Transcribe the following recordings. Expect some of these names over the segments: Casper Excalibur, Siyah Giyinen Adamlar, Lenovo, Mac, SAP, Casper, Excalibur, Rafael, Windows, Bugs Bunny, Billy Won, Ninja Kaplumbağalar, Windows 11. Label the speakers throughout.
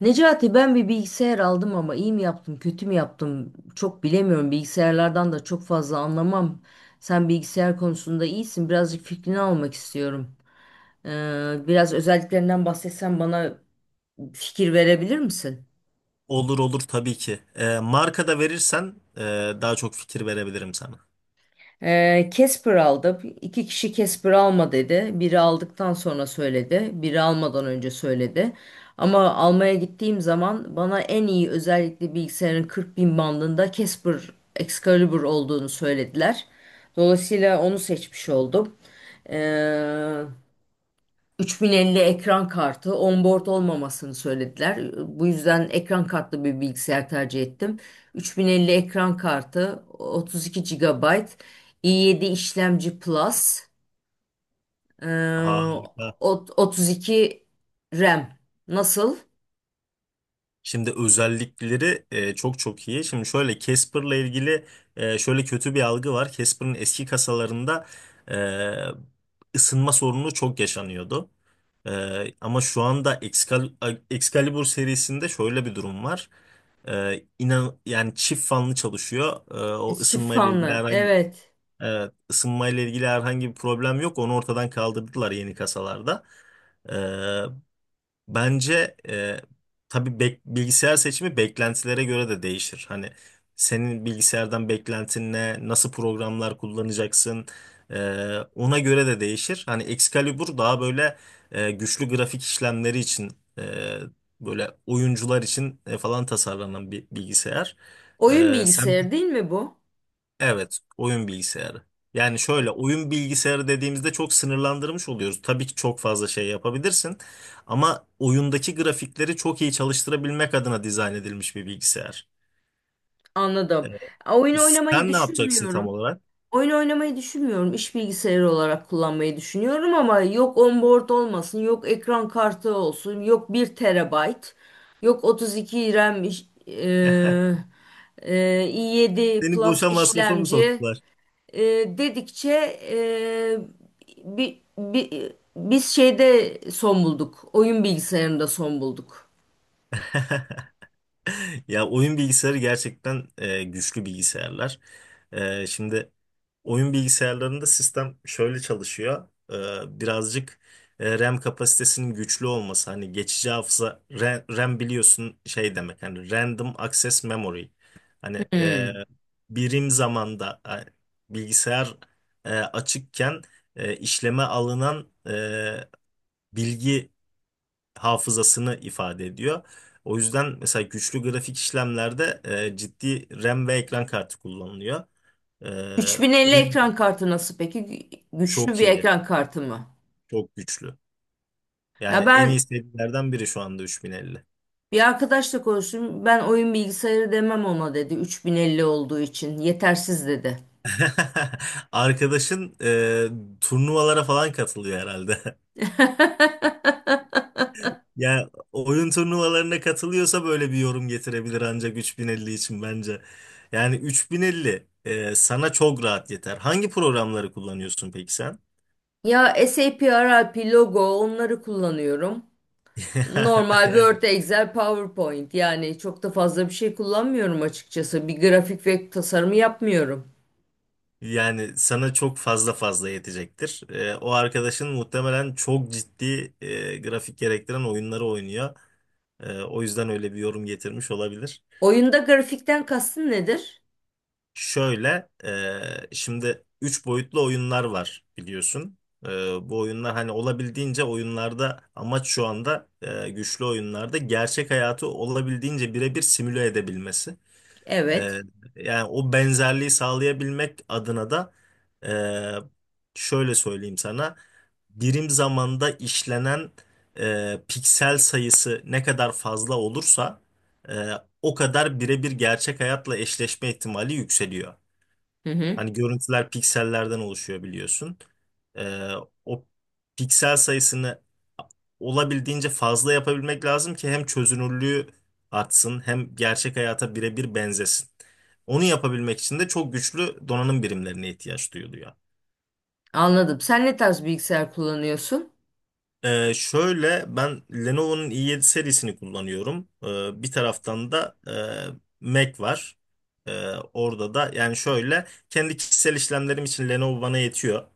Speaker 1: Necati, ben bir bilgisayar aldım ama iyi mi yaptım, kötü mü yaptım çok bilemiyorum. Bilgisayarlardan da çok fazla anlamam. Sen bilgisayar konusunda iyisin. Birazcık fikrini almak istiyorum. Biraz özelliklerinden bahsetsen bana fikir verebilir misin?
Speaker 2: Olur olur, tabii ki. Marka da verirsen daha çok fikir verebilirim sana.
Speaker 1: Casper aldı. İki kişi Casper alma dedi. Biri aldıktan sonra söyledi. Biri almadan önce söyledi. Ama almaya gittiğim zaman bana en iyi özellikle bilgisayarın 40 bin bandında Casper Excalibur olduğunu söylediler. Dolayısıyla onu seçmiş oldum. Ee, 3050 ekran kartı onboard olmamasını söylediler. Bu yüzden ekran kartlı bir bilgisayar tercih ettim. 3050 ekran kartı, 32 GB, i7 işlemci Plus, eee,
Speaker 2: Harika.
Speaker 1: 32 RAM. Nasıl?
Speaker 2: Şimdi özellikleri çok iyi. Şimdi şöyle Casper'la ilgili şöyle kötü bir algı var. Casper'ın eski kasalarında e, ısınma sorunu çok yaşanıyordu. Ama şu anda Excalibur serisinde şöyle bir durum var. İnan yani çift fanlı çalışıyor. O
Speaker 1: Çift
Speaker 2: ısınma ile ilgili
Speaker 1: fanlı.
Speaker 2: herhangi,
Speaker 1: Evet.
Speaker 2: evet, ısınmayla ilgili herhangi bir problem yok. Onu ortadan kaldırdılar yeni kasalarda. Ee, Bence, tabii bilgisayar seçimi beklentilere göre de değişir. Hani senin bilgisayardan beklentin ne, nasıl programlar kullanacaksın, ona göre de değişir. Hani Excalibur daha böyle güçlü grafik işlemleri için, e, böyle oyuncular için falan tasarlanan bir bilgisayar.
Speaker 1: Oyun
Speaker 2: Sen.
Speaker 1: bilgisayarı değil mi bu?
Speaker 2: Evet, oyun bilgisayarı. Yani şöyle, oyun bilgisayarı dediğimizde çok sınırlandırmış oluyoruz. Tabii ki çok fazla şey yapabilirsin ama oyundaki grafikleri çok iyi çalıştırabilmek adına dizayn edilmiş bir bilgisayar.
Speaker 1: Anladım.
Speaker 2: Evet.
Speaker 1: Oyun oynamayı
Speaker 2: Sen ne yapacaksın tam
Speaker 1: düşünmüyorum.
Speaker 2: olarak?
Speaker 1: Oyun oynamayı düşünmüyorum. İş bilgisayarı olarak kullanmayı düşünüyorum ama yok onboard olmasın, yok ekran kartı olsun, yok bir terabayt, yok 32 RAM i7
Speaker 2: Seni
Speaker 1: Plus
Speaker 2: boşa masrafa mı
Speaker 1: işlemci
Speaker 2: soktular?
Speaker 1: dedikçe biz şeyde son bulduk. Oyun bilgisayarında son bulduk.
Speaker 2: Ya, oyun bilgisayarı gerçekten güçlü bilgisayarlar. Şimdi oyun bilgisayarlarında sistem şöyle çalışıyor. Birazcık RAM kapasitesinin güçlü olması. Hani geçici hafıza RAM, RAM biliyorsun şey demek. Hani Random Access Memory. Hani
Speaker 1: Hmm.
Speaker 2: birim zamanda bilgisayar açıkken işleme alınan bilgi hafızasını ifade ediyor. O yüzden mesela güçlü grafik işlemlerde ciddi RAM ve ekran kartı kullanılıyor. E,
Speaker 1: 3050
Speaker 2: O yüzden
Speaker 1: ekran kartı nasıl peki? Güçlü
Speaker 2: çok
Speaker 1: bir
Speaker 2: iyi,
Speaker 1: ekran kartı mı?
Speaker 2: çok güçlü.
Speaker 1: Ya
Speaker 2: Yani en
Speaker 1: ben
Speaker 2: iyi serilerden biri şu anda 3050.
Speaker 1: Bir arkadaşla konuştum. Ben oyun bilgisayarı demem ona dedi. 3050 olduğu için yetersiz dedi.
Speaker 2: Arkadaşın turnuvalara falan katılıyor herhalde. Ya, oyun turnuvalarına katılıyorsa böyle bir yorum getirebilir ancak 3050 için bence. Yani 3050 sana çok rahat yeter. Hangi programları kullanıyorsun peki sen?
Speaker 1: Ya SAP, RIP, logo onları kullanıyorum. Normal Word, Excel, PowerPoint, yani çok da fazla bir şey kullanmıyorum açıkçası. Bir grafik ve tasarımı yapmıyorum.
Speaker 2: Yani sana çok fazla yetecektir. O arkadaşın muhtemelen çok ciddi grafik gerektiren oyunları oynuyor. O yüzden öyle bir yorum getirmiş olabilir.
Speaker 1: Oyunda grafikten kastın nedir?
Speaker 2: Şöyle, şimdi 3 boyutlu oyunlar var biliyorsun. Ee, Bu oyunlar, hani olabildiğince oyunlarda amaç şu anda güçlü oyunlarda gerçek hayatı olabildiğince birebir simüle edebilmesi. Ee,
Speaker 1: Evet.
Speaker 2: Yani o benzerliği sağlayabilmek adına da şöyle söyleyeyim sana. Birim zamanda işlenen piksel sayısı ne kadar fazla olursa e, o kadar birebir gerçek hayatla eşleşme ihtimali yükseliyor.
Speaker 1: Hı hı.
Speaker 2: Hani görüntüler piksellerden oluşuyor biliyorsun. E, O piksel sayısını olabildiğince fazla yapabilmek lazım ki hem çözünürlüğü artsın hem gerçek hayata birebir benzesin. Onu yapabilmek için de çok güçlü donanım birimlerine ihtiyaç duyuluyor.
Speaker 1: Anladım. Sen ne tarz bilgisayar kullanıyorsun?
Speaker 2: Şöyle, ben Lenovo'nun i7 serisini kullanıyorum. Bir taraftan da Mac var. Orada da, yani şöyle, kendi kişisel işlemlerim için Lenovo bana yetiyor.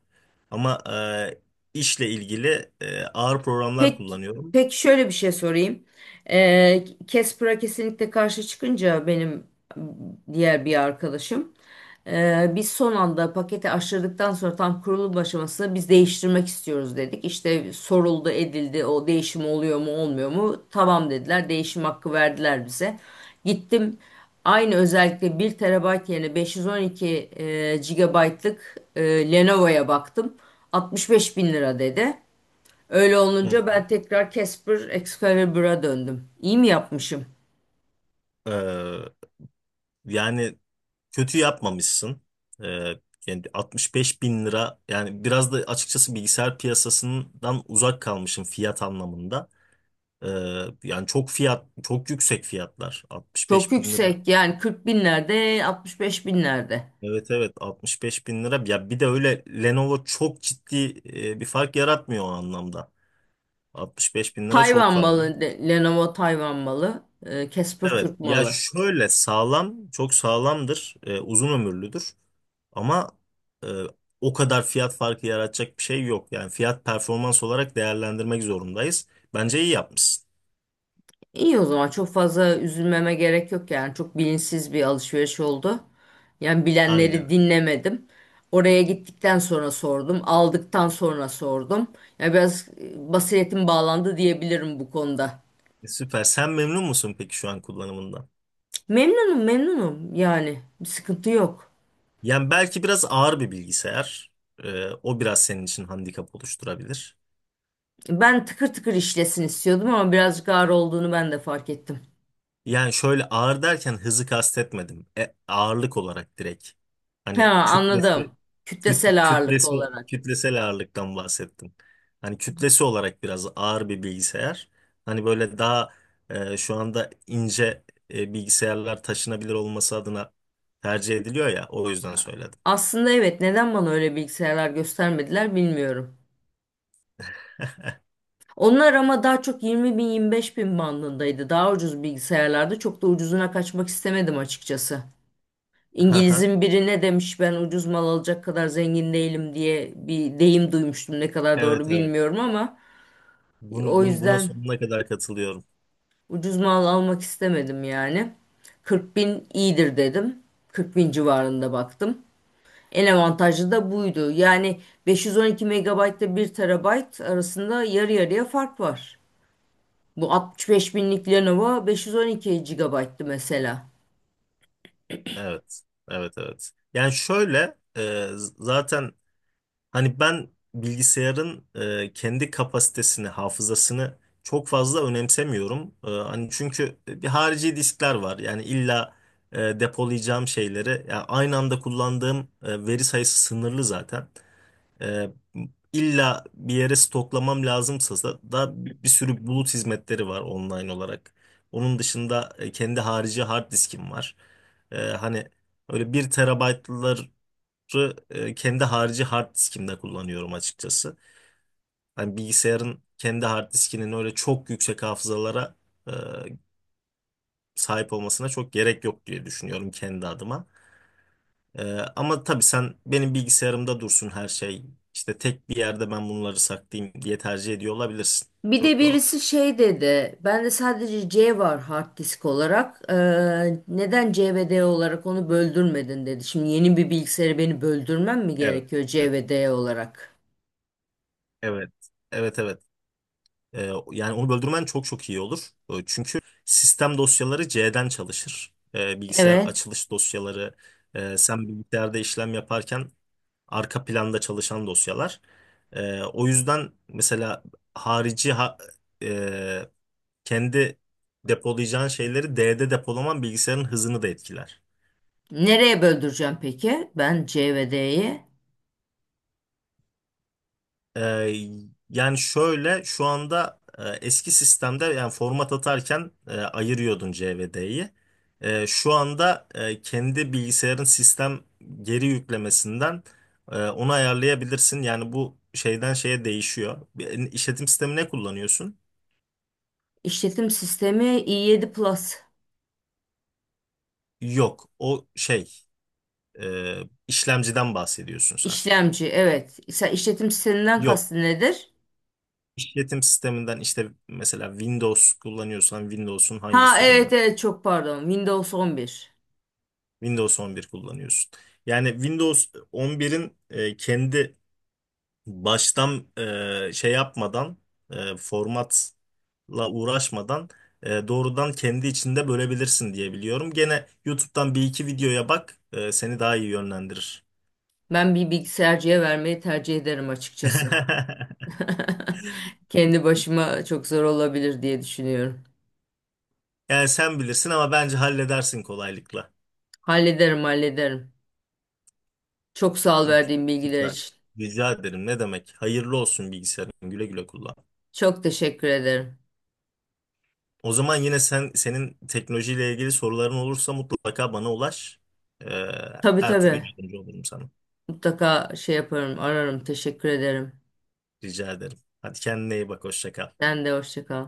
Speaker 2: Ama işle ilgili ağır programlar
Speaker 1: Pek
Speaker 2: kullanıyorum.
Speaker 1: pek şöyle bir şey sorayım. Casper'a kesinlikle karşı çıkınca benim diğer bir arkadaşım, biz son anda paketi aşırdıktan sonra tam kurulum aşamasında biz değiştirmek istiyoruz dedik. İşte soruldu edildi, o değişim oluyor mu olmuyor mu? Tamam dediler, değişim hakkı verdiler bize. Gittim aynı özellikle 1 TB yerine 512 GB'lık Lenovo'ya baktım. 65 bin lira dedi. Öyle
Speaker 2: Hı.
Speaker 1: olunca ben tekrar Casper Excalibur'a döndüm. İyi mi yapmışım?
Speaker 2: Ee, Yani kötü yapmamışsın. Ee, Yani 65 bin lira, yani biraz da açıkçası bilgisayar piyasasından uzak kalmışım fiyat anlamında. Ee, Yani çok fiyat, çok yüksek fiyatlar,
Speaker 1: Çok
Speaker 2: 65 bin lira.
Speaker 1: yüksek yani, 40 binlerde 65 binlerde.
Speaker 2: Evet, evet, 65 bin lira. Ya, bir de öyle Lenovo çok ciddi bir fark yaratmıyor o anlamda. 65 bin lira çok fazla.
Speaker 1: Lenovo Tayvan malı, Casper
Speaker 2: Evet.
Speaker 1: Türk
Speaker 2: Ya
Speaker 1: malı.
Speaker 2: şöyle, sağlam, çok sağlamdır, uzun ömürlüdür. Ama e, o kadar fiyat farkı yaratacak bir şey yok. Yani fiyat performans olarak değerlendirmek zorundayız. Bence iyi yapmışsın.
Speaker 1: İyi, o zaman çok fazla üzülmeme gerek yok, yani çok bilinçsiz bir alışveriş oldu. Yani bilenleri
Speaker 2: Aynen.
Speaker 1: dinlemedim. Oraya gittikten sonra sordum, aldıktan sonra sordum. Yani biraz basiretim bağlandı diyebilirim bu konuda.
Speaker 2: Süper. Sen memnun musun peki şu an kullanımından?
Speaker 1: Memnunum, memnunum, yani bir sıkıntı yok.
Speaker 2: Yani belki biraz ağır bir bilgisayar. O biraz senin için handikap oluşturabilir.
Speaker 1: Ben tıkır tıkır işlesin istiyordum ama birazcık ağır olduğunu ben de fark ettim.
Speaker 2: Yani şöyle, ağır derken hızı kastetmedim. Ağırlık olarak, direkt.
Speaker 1: Ha,
Speaker 2: Hani
Speaker 1: anladım.
Speaker 2: kütlesi.
Speaker 1: Kütlesel ağırlık
Speaker 2: Kütlesi,
Speaker 1: olarak.
Speaker 2: kütlesel ağırlıktan bahsettim. Hani kütlesi olarak biraz ağır bir bilgisayar. Hani böyle daha şu anda ince bilgisayarlar taşınabilir olması adına tercih ediliyor ya. O yüzden söyledim.
Speaker 1: Aslında evet, neden bana öyle bilgisayarlar göstermediler bilmiyorum. Onlar ama daha çok 20 bin 25 bin bandındaydı. Daha ucuz bilgisayarlarda çok da ucuzuna kaçmak istemedim açıkçası.
Speaker 2: Haha,
Speaker 1: İngiliz'in biri ne demiş, ben ucuz mal alacak kadar zengin değilim diye bir deyim duymuştum. Ne kadar
Speaker 2: evet
Speaker 1: doğru
Speaker 2: evet.
Speaker 1: bilmiyorum ama,
Speaker 2: Bunu
Speaker 1: o
Speaker 2: bunu buna
Speaker 1: yüzden
Speaker 2: sonuna kadar katılıyorum.
Speaker 1: ucuz mal almak istemedim yani. 40 bin iyidir dedim. 40 bin civarında baktım. En avantajlı da buydu. Yani 512 megabayt ile bir TB arasında yarı yarıya fark var. Bu 65 binlik Lenovo 512 GB'tı mesela.
Speaker 2: Evet. Evet evet. Yani şöyle, zaten, hani ben bilgisayarın kendi kapasitesini, hafızasını çok fazla önemsemiyorum. Hani, çünkü bir harici diskler var. Yani illa depolayacağım şeyleri, yani aynı anda kullandığım veri sayısı sınırlı zaten. E, illa bir yere stoklamam lazımsa da, bir sürü bulut hizmetleri var online olarak. Onun dışında kendi harici hard diskim var. Hani öyle bir terabaytlar kendi harici hard diskimde kullanıyorum açıkçası. Hani bilgisayarın kendi hard diskinin öyle çok yüksek hafızalara e, sahip olmasına çok gerek yok diye düşünüyorum kendi adıma. E, Ama tabii, sen benim bilgisayarımda dursun her şey, İşte tek bir yerde ben bunları saklayayım diye tercih ediyor olabilirsin.
Speaker 1: Bir de
Speaker 2: Çok doğal.
Speaker 1: birisi şey dedi. Bende sadece C var hard disk olarak. Neden C ve D olarak onu böldürmedin dedi. Şimdi yeni bir bilgisayarı beni böldürmem mi
Speaker 2: Evet.
Speaker 1: gerekiyor C
Speaker 2: Evet.
Speaker 1: ve D olarak?
Speaker 2: Evet, evet, evet. Yani onu böldürmen çok iyi olur. Çünkü sistem dosyaları C'den çalışır. Bilgisayar
Speaker 1: Evet.
Speaker 2: açılış dosyaları, sen bilgisayarda işlem yaparken arka planda çalışan dosyalar. O yüzden mesela harici ha- e, kendi depolayacağın şeyleri D'de depolaman bilgisayarın hızını da etkiler.
Speaker 1: Nereye böldüreceğim peki? Ben C ve D'yi.
Speaker 2: Ee, Yani şöyle, şu anda eski sistemde, yani format atarken, ayırıyordun C ve D'yi. Şu anda kendi bilgisayarın sistem geri yüklemesinden onu ayarlayabilirsin. Yani bu şeyden şeye değişiyor. İşletim sistemi ne kullanıyorsun?
Speaker 1: İşletim sistemi i7 Plus.
Speaker 2: Yok, o şey e, işlemciden bahsediyorsun sen.
Speaker 1: İşlemci, evet. Sen işletim sisteminden
Speaker 2: Yok,
Speaker 1: kastın nedir?
Speaker 2: işletim sisteminden işte, mesela Windows kullanıyorsan Windows'un hangi
Speaker 1: Ha, evet
Speaker 2: sürümü?
Speaker 1: evet, çok pardon. Windows 11.
Speaker 2: Windows 11 kullanıyorsun. Yani Windows 11'in kendi baştan şey yapmadan formatla uğraşmadan doğrudan kendi içinde bölebilirsin diye biliyorum. Gene YouTube'dan bir iki videoya bak, seni daha iyi yönlendirir.
Speaker 1: Ben bir bilgisayarcıya vermeyi tercih ederim açıkçası. Kendi başıma çok zor olabilir diye düşünüyorum.
Speaker 2: Yani sen bilirsin ama bence halledersin kolaylıkla.
Speaker 1: Hallederim, hallederim. Çok sağ ol verdiğin bilgiler
Speaker 2: Süper.
Speaker 1: için.
Speaker 2: Rica ederim. Ne demek? Hayırlı olsun bilgisayarın. Güle güle kullan.
Speaker 1: Çok teşekkür ederim.
Speaker 2: O zaman yine senin teknolojiyle ilgili soruların olursa mutlaka bana ulaş. Ee,
Speaker 1: Tabii,
Speaker 2: Her türlü
Speaker 1: tabii.
Speaker 2: yardımcı olurum sana.
Speaker 1: Mutlaka şey yaparım, ararım. Teşekkür ederim.
Speaker 2: Rica ederim. Hadi kendine iyi bak. Hoşça kal.
Speaker 1: Sen de hoşça kal.